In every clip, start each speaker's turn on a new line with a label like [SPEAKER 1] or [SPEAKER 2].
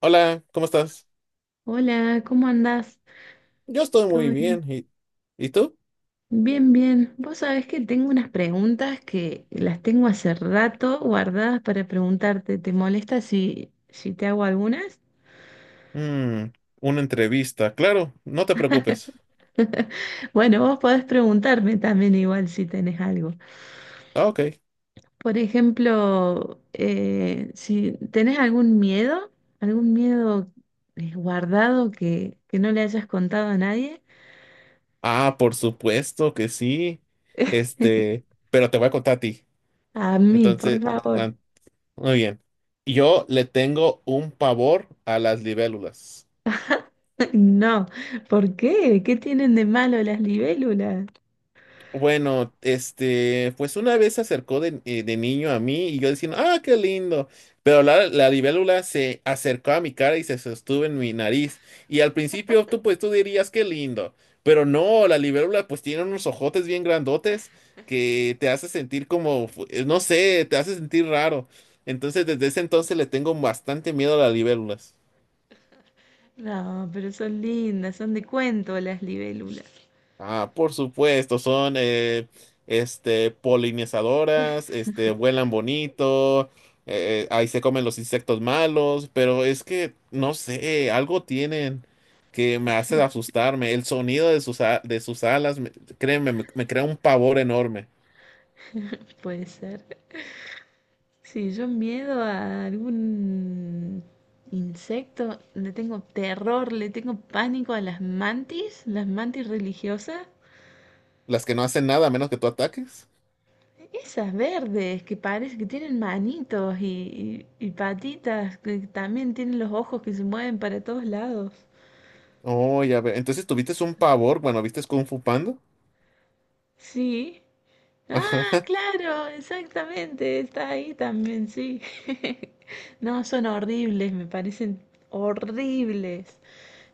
[SPEAKER 1] Hola, ¿cómo estás?
[SPEAKER 2] Hola, ¿cómo andás?
[SPEAKER 1] Yo estoy
[SPEAKER 2] ¿Todo
[SPEAKER 1] muy
[SPEAKER 2] bien?
[SPEAKER 1] bien. ¿Y tú?
[SPEAKER 2] Bien, bien. Vos sabés que tengo unas preguntas que las tengo hace rato guardadas para preguntarte. ¿Te molesta si te hago algunas?
[SPEAKER 1] Mm, una entrevista, claro, no te preocupes.
[SPEAKER 2] Bueno, vos podés preguntarme también igual si tenés algo.
[SPEAKER 1] Ah, ok.
[SPEAKER 2] Por ejemplo, si tenés algún miedo guardado que no le hayas contado a nadie.
[SPEAKER 1] Ah, por supuesto que sí. Pero te voy a contar a ti.
[SPEAKER 2] A mí, por
[SPEAKER 1] Entonces,
[SPEAKER 2] favor.
[SPEAKER 1] ah, muy bien. Yo le tengo un pavor a las libélulas.
[SPEAKER 2] No, ¿por qué? ¿Qué tienen de malo las libélulas?
[SPEAKER 1] Bueno, pues una vez se acercó de niño a mí y yo diciendo, ah, qué lindo. Pero la libélula se acercó a mi cara y se sostuvo en mi nariz. Y al principio pues tú dirías, qué lindo. Pero no, la libélula pues tiene unos ojotes bien grandotes que te hace sentir como, no sé, te hace sentir raro. Entonces desde ese entonces le tengo bastante miedo a las libélulas.
[SPEAKER 2] No, pero son lindas, son de cuento las libélulas.
[SPEAKER 1] Ah, por supuesto, son polinizadoras, vuelan bonito, ahí se comen los insectos malos, pero es que, no sé, algo tienen que me hace asustarme. El sonido de sus alas, créeme, me crea un pavor enorme.
[SPEAKER 2] Puede ser. Sí, yo miedo a algún insecto, le tengo terror, le tengo pánico a las mantis religiosas.
[SPEAKER 1] Las que no hacen nada a menos que tú ataques.
[SPEAKER 2] Esas verdes que parece que tienen manitos y, y patitas, que también tienen los ojos que se mueven para todos lados.
[SPEAKER 1] Oh, ya veo. Entonces tuviste un pavor, bueno, ¿viste Kung Fu Panda?
[SPEAKER 2] Sí. Ah, claro, exactamente, está ahí también, sí. No, son horribles, me parecen horribles.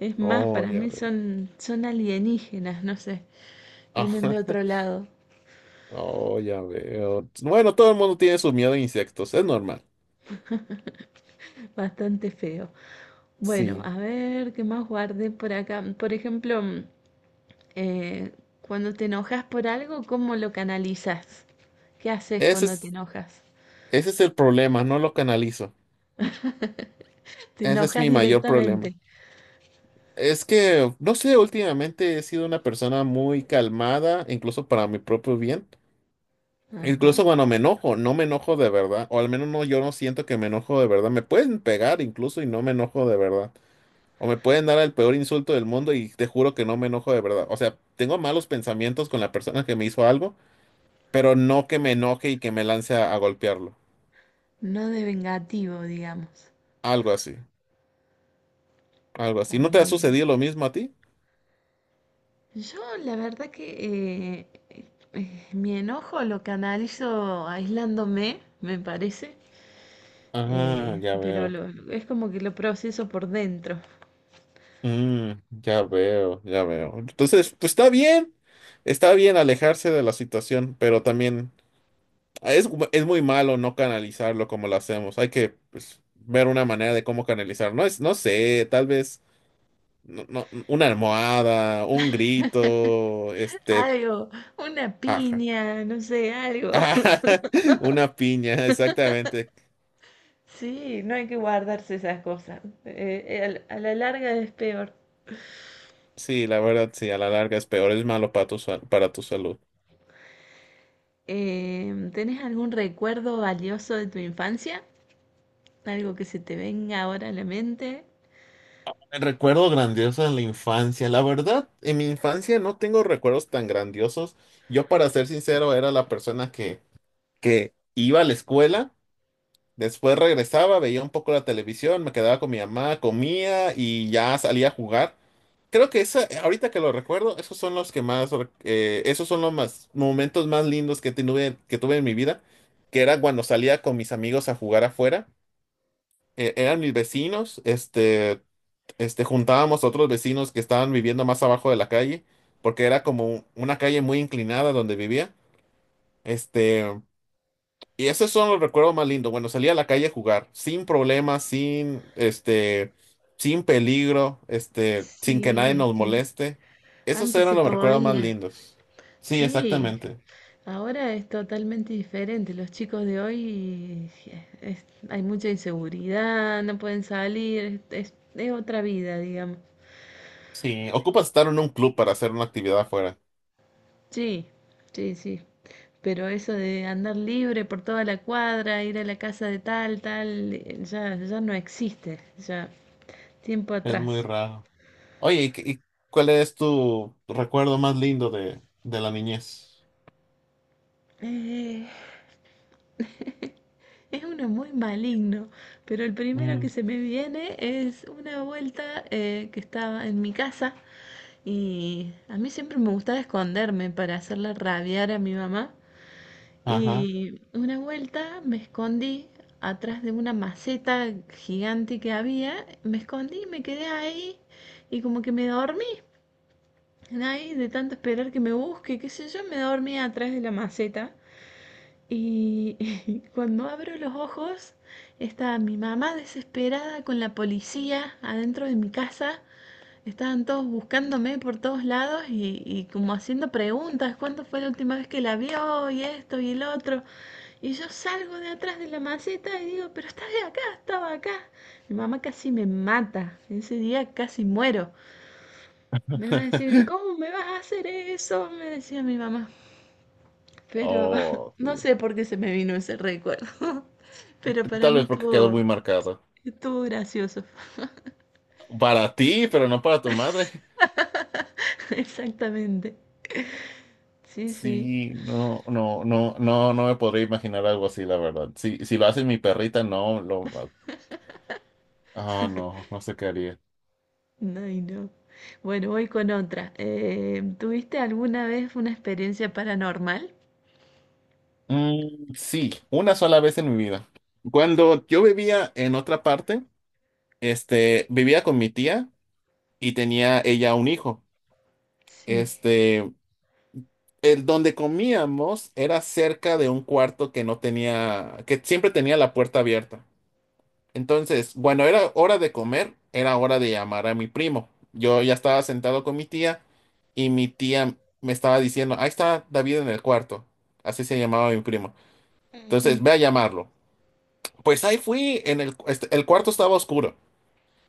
[SPEAKER 2] Es más,
[SPEAKER 1] Oh,
[SPEAKER 2] para
[SPEAKER 1] ya
[SPEAKER 2] mí
[SPEAKER 1] veo.
[SPEAKER 2] son alienígenas, no sé, vienen de otro lado,
[SPEAKER 1] Oh, ya veo. Bueno, todo el mundo tiene su miedo a insectos, es normal.
[SPEAKER 2] bastante feo. Bueno,
[SPEAKER 1] Sí.
[SPEAKER 2] a ver, ¿qué más guardé por acá? Por ejemplo, eh, cuando te enojas por algo, ¿cómo lo canalizas? ¿Qué haces
[SPEAKER 1] Ese
[SPEAKER 2] cuando te
[SPEAKER 1] es,
[SPEAKER 2] enojas?
[SPEAKER 1] ese es el problema, no lo canalizo.
[SPEAKER 2] ¿Te
[SPEAKER 1] Ese es
[SPEAKER 2] enojas
[SPEAKER 1] mi mayor problema.
[SPEAKER 2] directamente?
[SPEAKER 1] Es que, no sé, últimamente he sido una persona muy calmada, incluso para mi propio bien.
[SPEAKER 2] Ajá.
[SPEAKER 1] Incluso cuando me enojo, no me enojo de verdad, o al menos no, yo no siento que me enojo de verdad. Me pueden pegar incluso y no me enojo de verdad. O me pueden dar el peor insulto del mundo y te juro que no me enojo de verdad. O sea, tengo malos pensamientos con la persona que me hizo algo, pero no que me enoje y que me lance a golpearlo.
[SPEAKER 2] No de vengativo, digamos.
[SPEAKER 1] Algo así, algo así.
[SPEAKER 2] Está
[SPEAKER 1] ¿No te ha
[SPEAKER 2] muy bien.
[SPEAKER 1] sucedido lo mismo a ti?
[SPEAKER 2] Yo la verdad que mi enojo lo canalizo aislándome, me parece,
[SPEAKER 1] Ah,
[SPEAKER 2] eh,
[SPEAKER 1] ya
[SPEAKER 2] pero
[SPEAKER 1] veo.
[SPEAKER 2] lo- es como que lo proceso por dentro.
[SPEAKER 1] Ya veo, ya veo. Entonces, pues está bien alejarse de la situación, pero también es muy malo no canalizarlo como lo hacemos. Hay que pues, ver una manera de cómo canalizar. No es, no sé, tal vez no, una almohada, un grito,
[SPEAKER 2] Algo, una
[SPEAKER 1] ajá.
[SPEAKER 2] piña, no sé, algo.
[SPEAKER 1] Ajá, una piña, exactamente.
[SPEAKER 2] Sí, no hay que guardarse esas cosas. A la larga es peor.
[SPEAKER 1] Sí, la verdad, sí, a la larga es peor, es malo para tu salud.
[SPEAKER 2] ¿Tenés algún recuerdo valioso de tu infancia? ¿Algo que se te venga ahora a la mente?
[SPEAKER 1] Recuerdo grandioso en la infancia. La verdad, en mi infancia no tengo recuerdos tan grandiosos. Yo, para ser sincero, era la persona que iba a la escuela, después regresaba, veía un poco la televisión, me quedaba con mi mamá, comía y ya salía a jugar. Creo que esa, ahorita que lo recuerdo, esos son los más momentos más lindos que tuve, en mi vida, que era cuando salía con mis amigos a jugar afuera. Eran mis vecinos, juntábamos a otros vecinos que estaban viviendo más abajo de la calle, porque era como una calle muy inclinada donde vivía, este, y esos son los recuerdos más lindos. Bueno, salía a la calle a jugar, sin problemas, sin peligro, sin que
[SPEAKER 2] Sí,
[SPEAKER 1] nadie
[SPEAKER 2] es
[SPEAKER 1] nos
[SPEAKER 2] que
[SPEAKER 1] moleste. Esos
[SPEAKER 2] antes
[SPEAKER 1] eran
[SPEAKER 2] se
[SPEAKER 1] los recuerdos más
[SPEAKER 2] podía.
[SPEAKER 1] lindos. Sí,
[SPEAKER 2] Sí,
[SPEAKER 1] exactamente.
[SPEAKER 2] ahora es totalmente diferente. Los chicos de hoy hay mucha inseguridad, no pueden salir, es otra vida, digamos.
[SPEAKER 1] Sí, ocupas estar en un club para hacer una actividad afuera.
[SPEAKER 2] Sí, sí, sí. Pero eso de andar libre por toda la cuadra, ir a la casa de tal, tal, ya no existe, ya tiempo
[SPEAKER 1] Es muy
[SPEAKER 2] atrás.
[SPEAKER 1] raro. Oye, cuál es tu recuerdo más lindo de la niñez?
[SPEAKER 2] Eh, es uno muy maligno, pero el primero que
[SPEAKER 1] Mm,
[SPEAKER 2] se me viene es una vuelta que estaba en mi casa. Y a mí siempre me gustaba esconderme para hacerla rabiar a mi mamá.
[SPEAKER 1] ajá.
[SPEAKER 2] Y una vuelta me escondí atrás de una maceta gigante que había. Me escondí, me quedé ahí. Y como que me dormí. Ahí, de tanto esperar que me busque, qué sé yo, me dormí atrás de la maceta. Y cuando abro los ojos, está mi mamá desesperada con la policía adentro de mi casa. Estaban todos buscándome por todos lados y, como haciendo preguntas. ¿Cuándo fue la última vez que la vio? Y esto y el otro. Y yo salgo de atrás de la maceta y digo, pero estaba acá, estaba acá. Mi mamá casi me mata, ese día casi muero. Me va a decir, ¿cómo me vas a hacer eso? Me decía mi mamá. Pero
[SPEAKER 1] Oh,
[SPEAKER 2] no
[SPEAKER 1] sí.
[SPEAKER 2] sé por qué se me vino ese recuerdo. Pero para
[SPEAKER 1] Tal
[SPEAKER 2] mí
[SPEAKER 1] vez porque quedó muy
[SPEAKER 2] estuvo,
[SPEAKER 1] marcado.
[SPEAKER 2] estuvo gracioso.
[SPEAKER 1] Para ti, pero no para tu madre.
[SPEAKER 2] Exactamente. Sí, sí.
[SPEAKER 1] Sí, no, no, no, no, no me podría imaginar algo así, la verdad. Si lo hace mi perrita, no, no, no sé qué haría.
[SPEAKER 2] Ay, no. Bueno, voy con otra. ¿Tuviste alguna vez una experiencia paranormal?
[SPEAKER 1] Mm, sí, una sola vez en mi vida. Cuando yo vivía en otra parte, vivía con mi tía y tenía ella un hijo.
[SPEAKER 2] Sí.
[SPEAKER 1] Este, el donde comíamos era cerca de un cuarto que no tenía, que siempre tenía la puerta abierta. Entonces, bueno, era hora de comer, era hora de llamar a mi primo. Yo ya estaba sentado con mi tía y mi tía me estaba diciendo, ahí está David en el cuarto. Así se llamaba mi primo. Entonces,
[SPEAKER 2] Ujú.
[SPEAKER 1] ve a llamarlo. Pues ahí fui. El cuarto estaba oscuro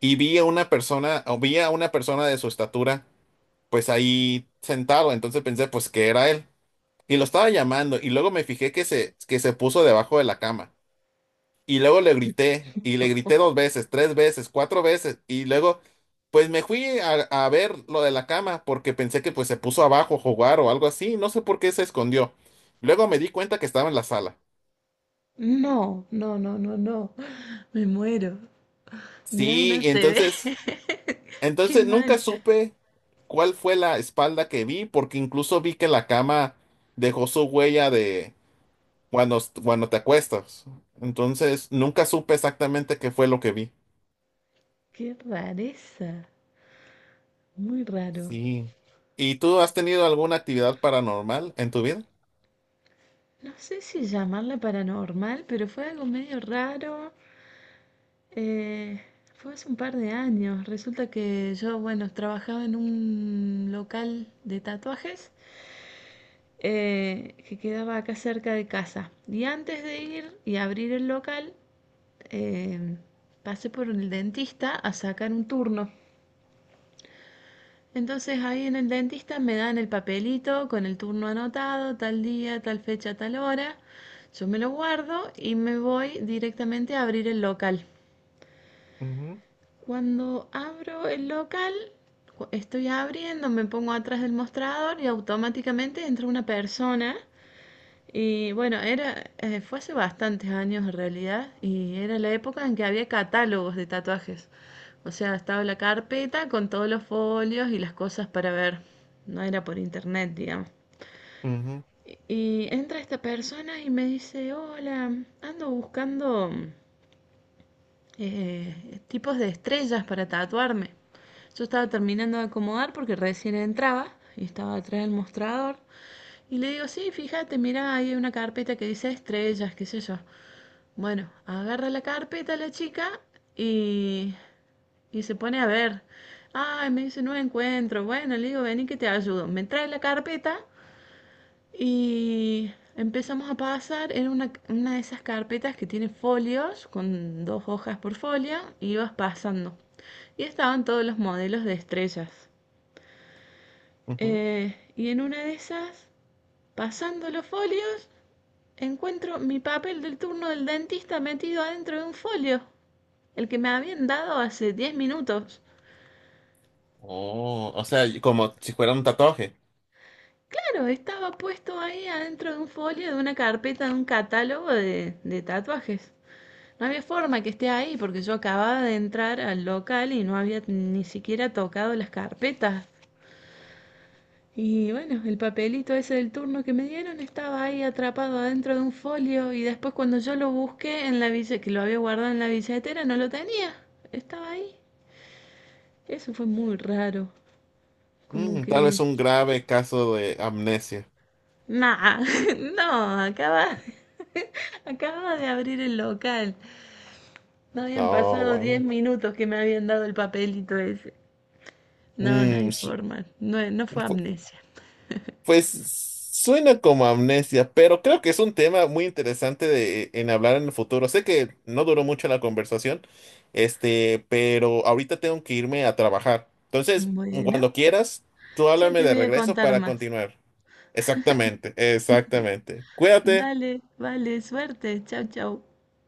[SPEAKER 1] y vi a una persona, o vi a una persona de su estatura, pues ahí sentado. Entonces pensé, pues que era él. Y lo estaba llamando y luego me fijé que se puso debajo de la cama. Y luego le grité y le grité dos veces, tres veces, cuatro veces. Y luego, pues me fui a ver lo de la cama porque pensé que pues se puso abajo a jugar o algo así. No sé por qué se escondió. Luego me di cuenta que estaba en la sala.
[SPEAKER 2] No, no, no, no, no. Me muero. Me da
[SPEAKER 1] Sí,
[SPEAKER 2] una
[SPEAKER 1] y
[SPEAKER 2] C CB.
[SPEAKER 1] entonces,
[SPEAKER 2] Qué
[SPEAKER 1] entonces nunca
[SPEAKER 2] mal.
[SPEAKER 1] supe cuál fue la espalda que vi porque incluso vi que la cama dejó su huella de cuando te acuestas. Entonces, nunca supe exactamente qué fue lo que vi.
[SPEAKER 2] Qué rareza. Muy raro.
[SPEAKER 1] Sí. ¿Y tú has tenido alguna actividad paranormal en tu vida?
[SPEAKER 2] No sé si llamarla paranormal, pero fue algo medio raro. Eh, fue hace un par de años. Resulta que yo, bueno, trabajaba en un local de tatuajes, que quedaba acá cerca de casa. Y antes de ir y abrir el local, eh, pasé por el dentista a sacar un turno. Entonces ahí en el dentista me dan el papelito con el turno anotado, tal día, tal fecha, tal hora. Yo me lo guardo y me voy directamente a abrir el local.
[SPEAKER 1] Ujú,
[SPEAKER 2] Cuando abro el local, estoy abriendo, me pongo atrás del mostrador y automáticamente entra una persona. Y bueno, fue hace bastantes años en realidad, y era la época en que había catálogos de tatuajes. O sea, estaba la carpeta con todos los folios y las cosas para ver. No era por internet, digamos.
[SPEAKER 1] ujú,
[SPEAKER 2] Y, entra esta persona y me dice, hola, ando buscando tipos de estrellas para tatuarme. Yo estaba terminando de acomodar porque recién entraba y estaba atrás del mostrador. Y le digo, sí, fíjate, mira ahí hay una carpeta que dice estrellas, qué sé yo. Bueno, agarra la carpeta la chica y, se pone a ver. Ay, me dice, no encuentro. Bueno, le digo, vení que te ayudo. Me trae la carpeta y empezamos a pasar, en una de esas carpetas que tiene folios, con dos hojas por folio, y ibas pasando. Y estaban todos los modelos de estrellas.
[SPEAKER 1] ujú.
[SPEAKER 2] Y en una de esas, pasando los folios, encuentro mi papel del turno del dentista metido adentro de un folio, el que me habían dado hace 10 minutos.
[SPEAKER 1] Oh, o sea, y como si fuera un tatuaje.
[SPEAKER 2] Claro, estaba puesto ahí adentro de un folio de una carpeta de un catálogo de tatuajes. No había forma que esté ahí porque yo acababa de entrar al local y no había ni siquiera tocado las carpetas. Y bueno, el papelito ese del turno que me dieron estaba ahí atrapado adentro de un folio y después cuando yo lo busqué en la que lo había guardado en la billetera, no lo tenía. Estaba ahí. Eso fue muy raro. Como
[SPEAKER 1] Tal vez
[SPEAKER 2] que.
[SPEAKER 1] un grave caso de amnesia.
[SPEAKER 2] Nah, no, acaba, acaba de abrir el local. No habían
[SPEAKER 1] No,
[SPEAKER 2] pasado 10
[SPEAKER 1] vaya.
[SPEAKER 2] minutos que me habían dado el papelito ese. No, no hay
[SPEAKER 1] Mm, su-
[SPEAKER 2] forma. No, no fue amnesia.
[SPEAKER 1] Pues suena como amnesia, pero creo que es un tema muy interesante en hablar en el futuro. Sé que no duró mucho la conversación, pero ahorita tengo que irme a trabajar. Entonces,
[SPEAKER 2] Bueno,
[SPEAKER 1] cuando quieras, tú
[SPEAKER 2] ya
[SPEAKER 1] háblame
[SPEAKER 2] te
[SPEAKER 1] de
[SPEAKER 2] voy a
[SPEAKER 1] regreso
[SPEAKER 2] contar
[SPEAKER 1] para
[SPEAKER 2] más.
[SPEAKER 1] continuar. Exactamente, exactamente. Cuídate.
[SPEAKER 2] Dale, vale, suerte. Chau, chau.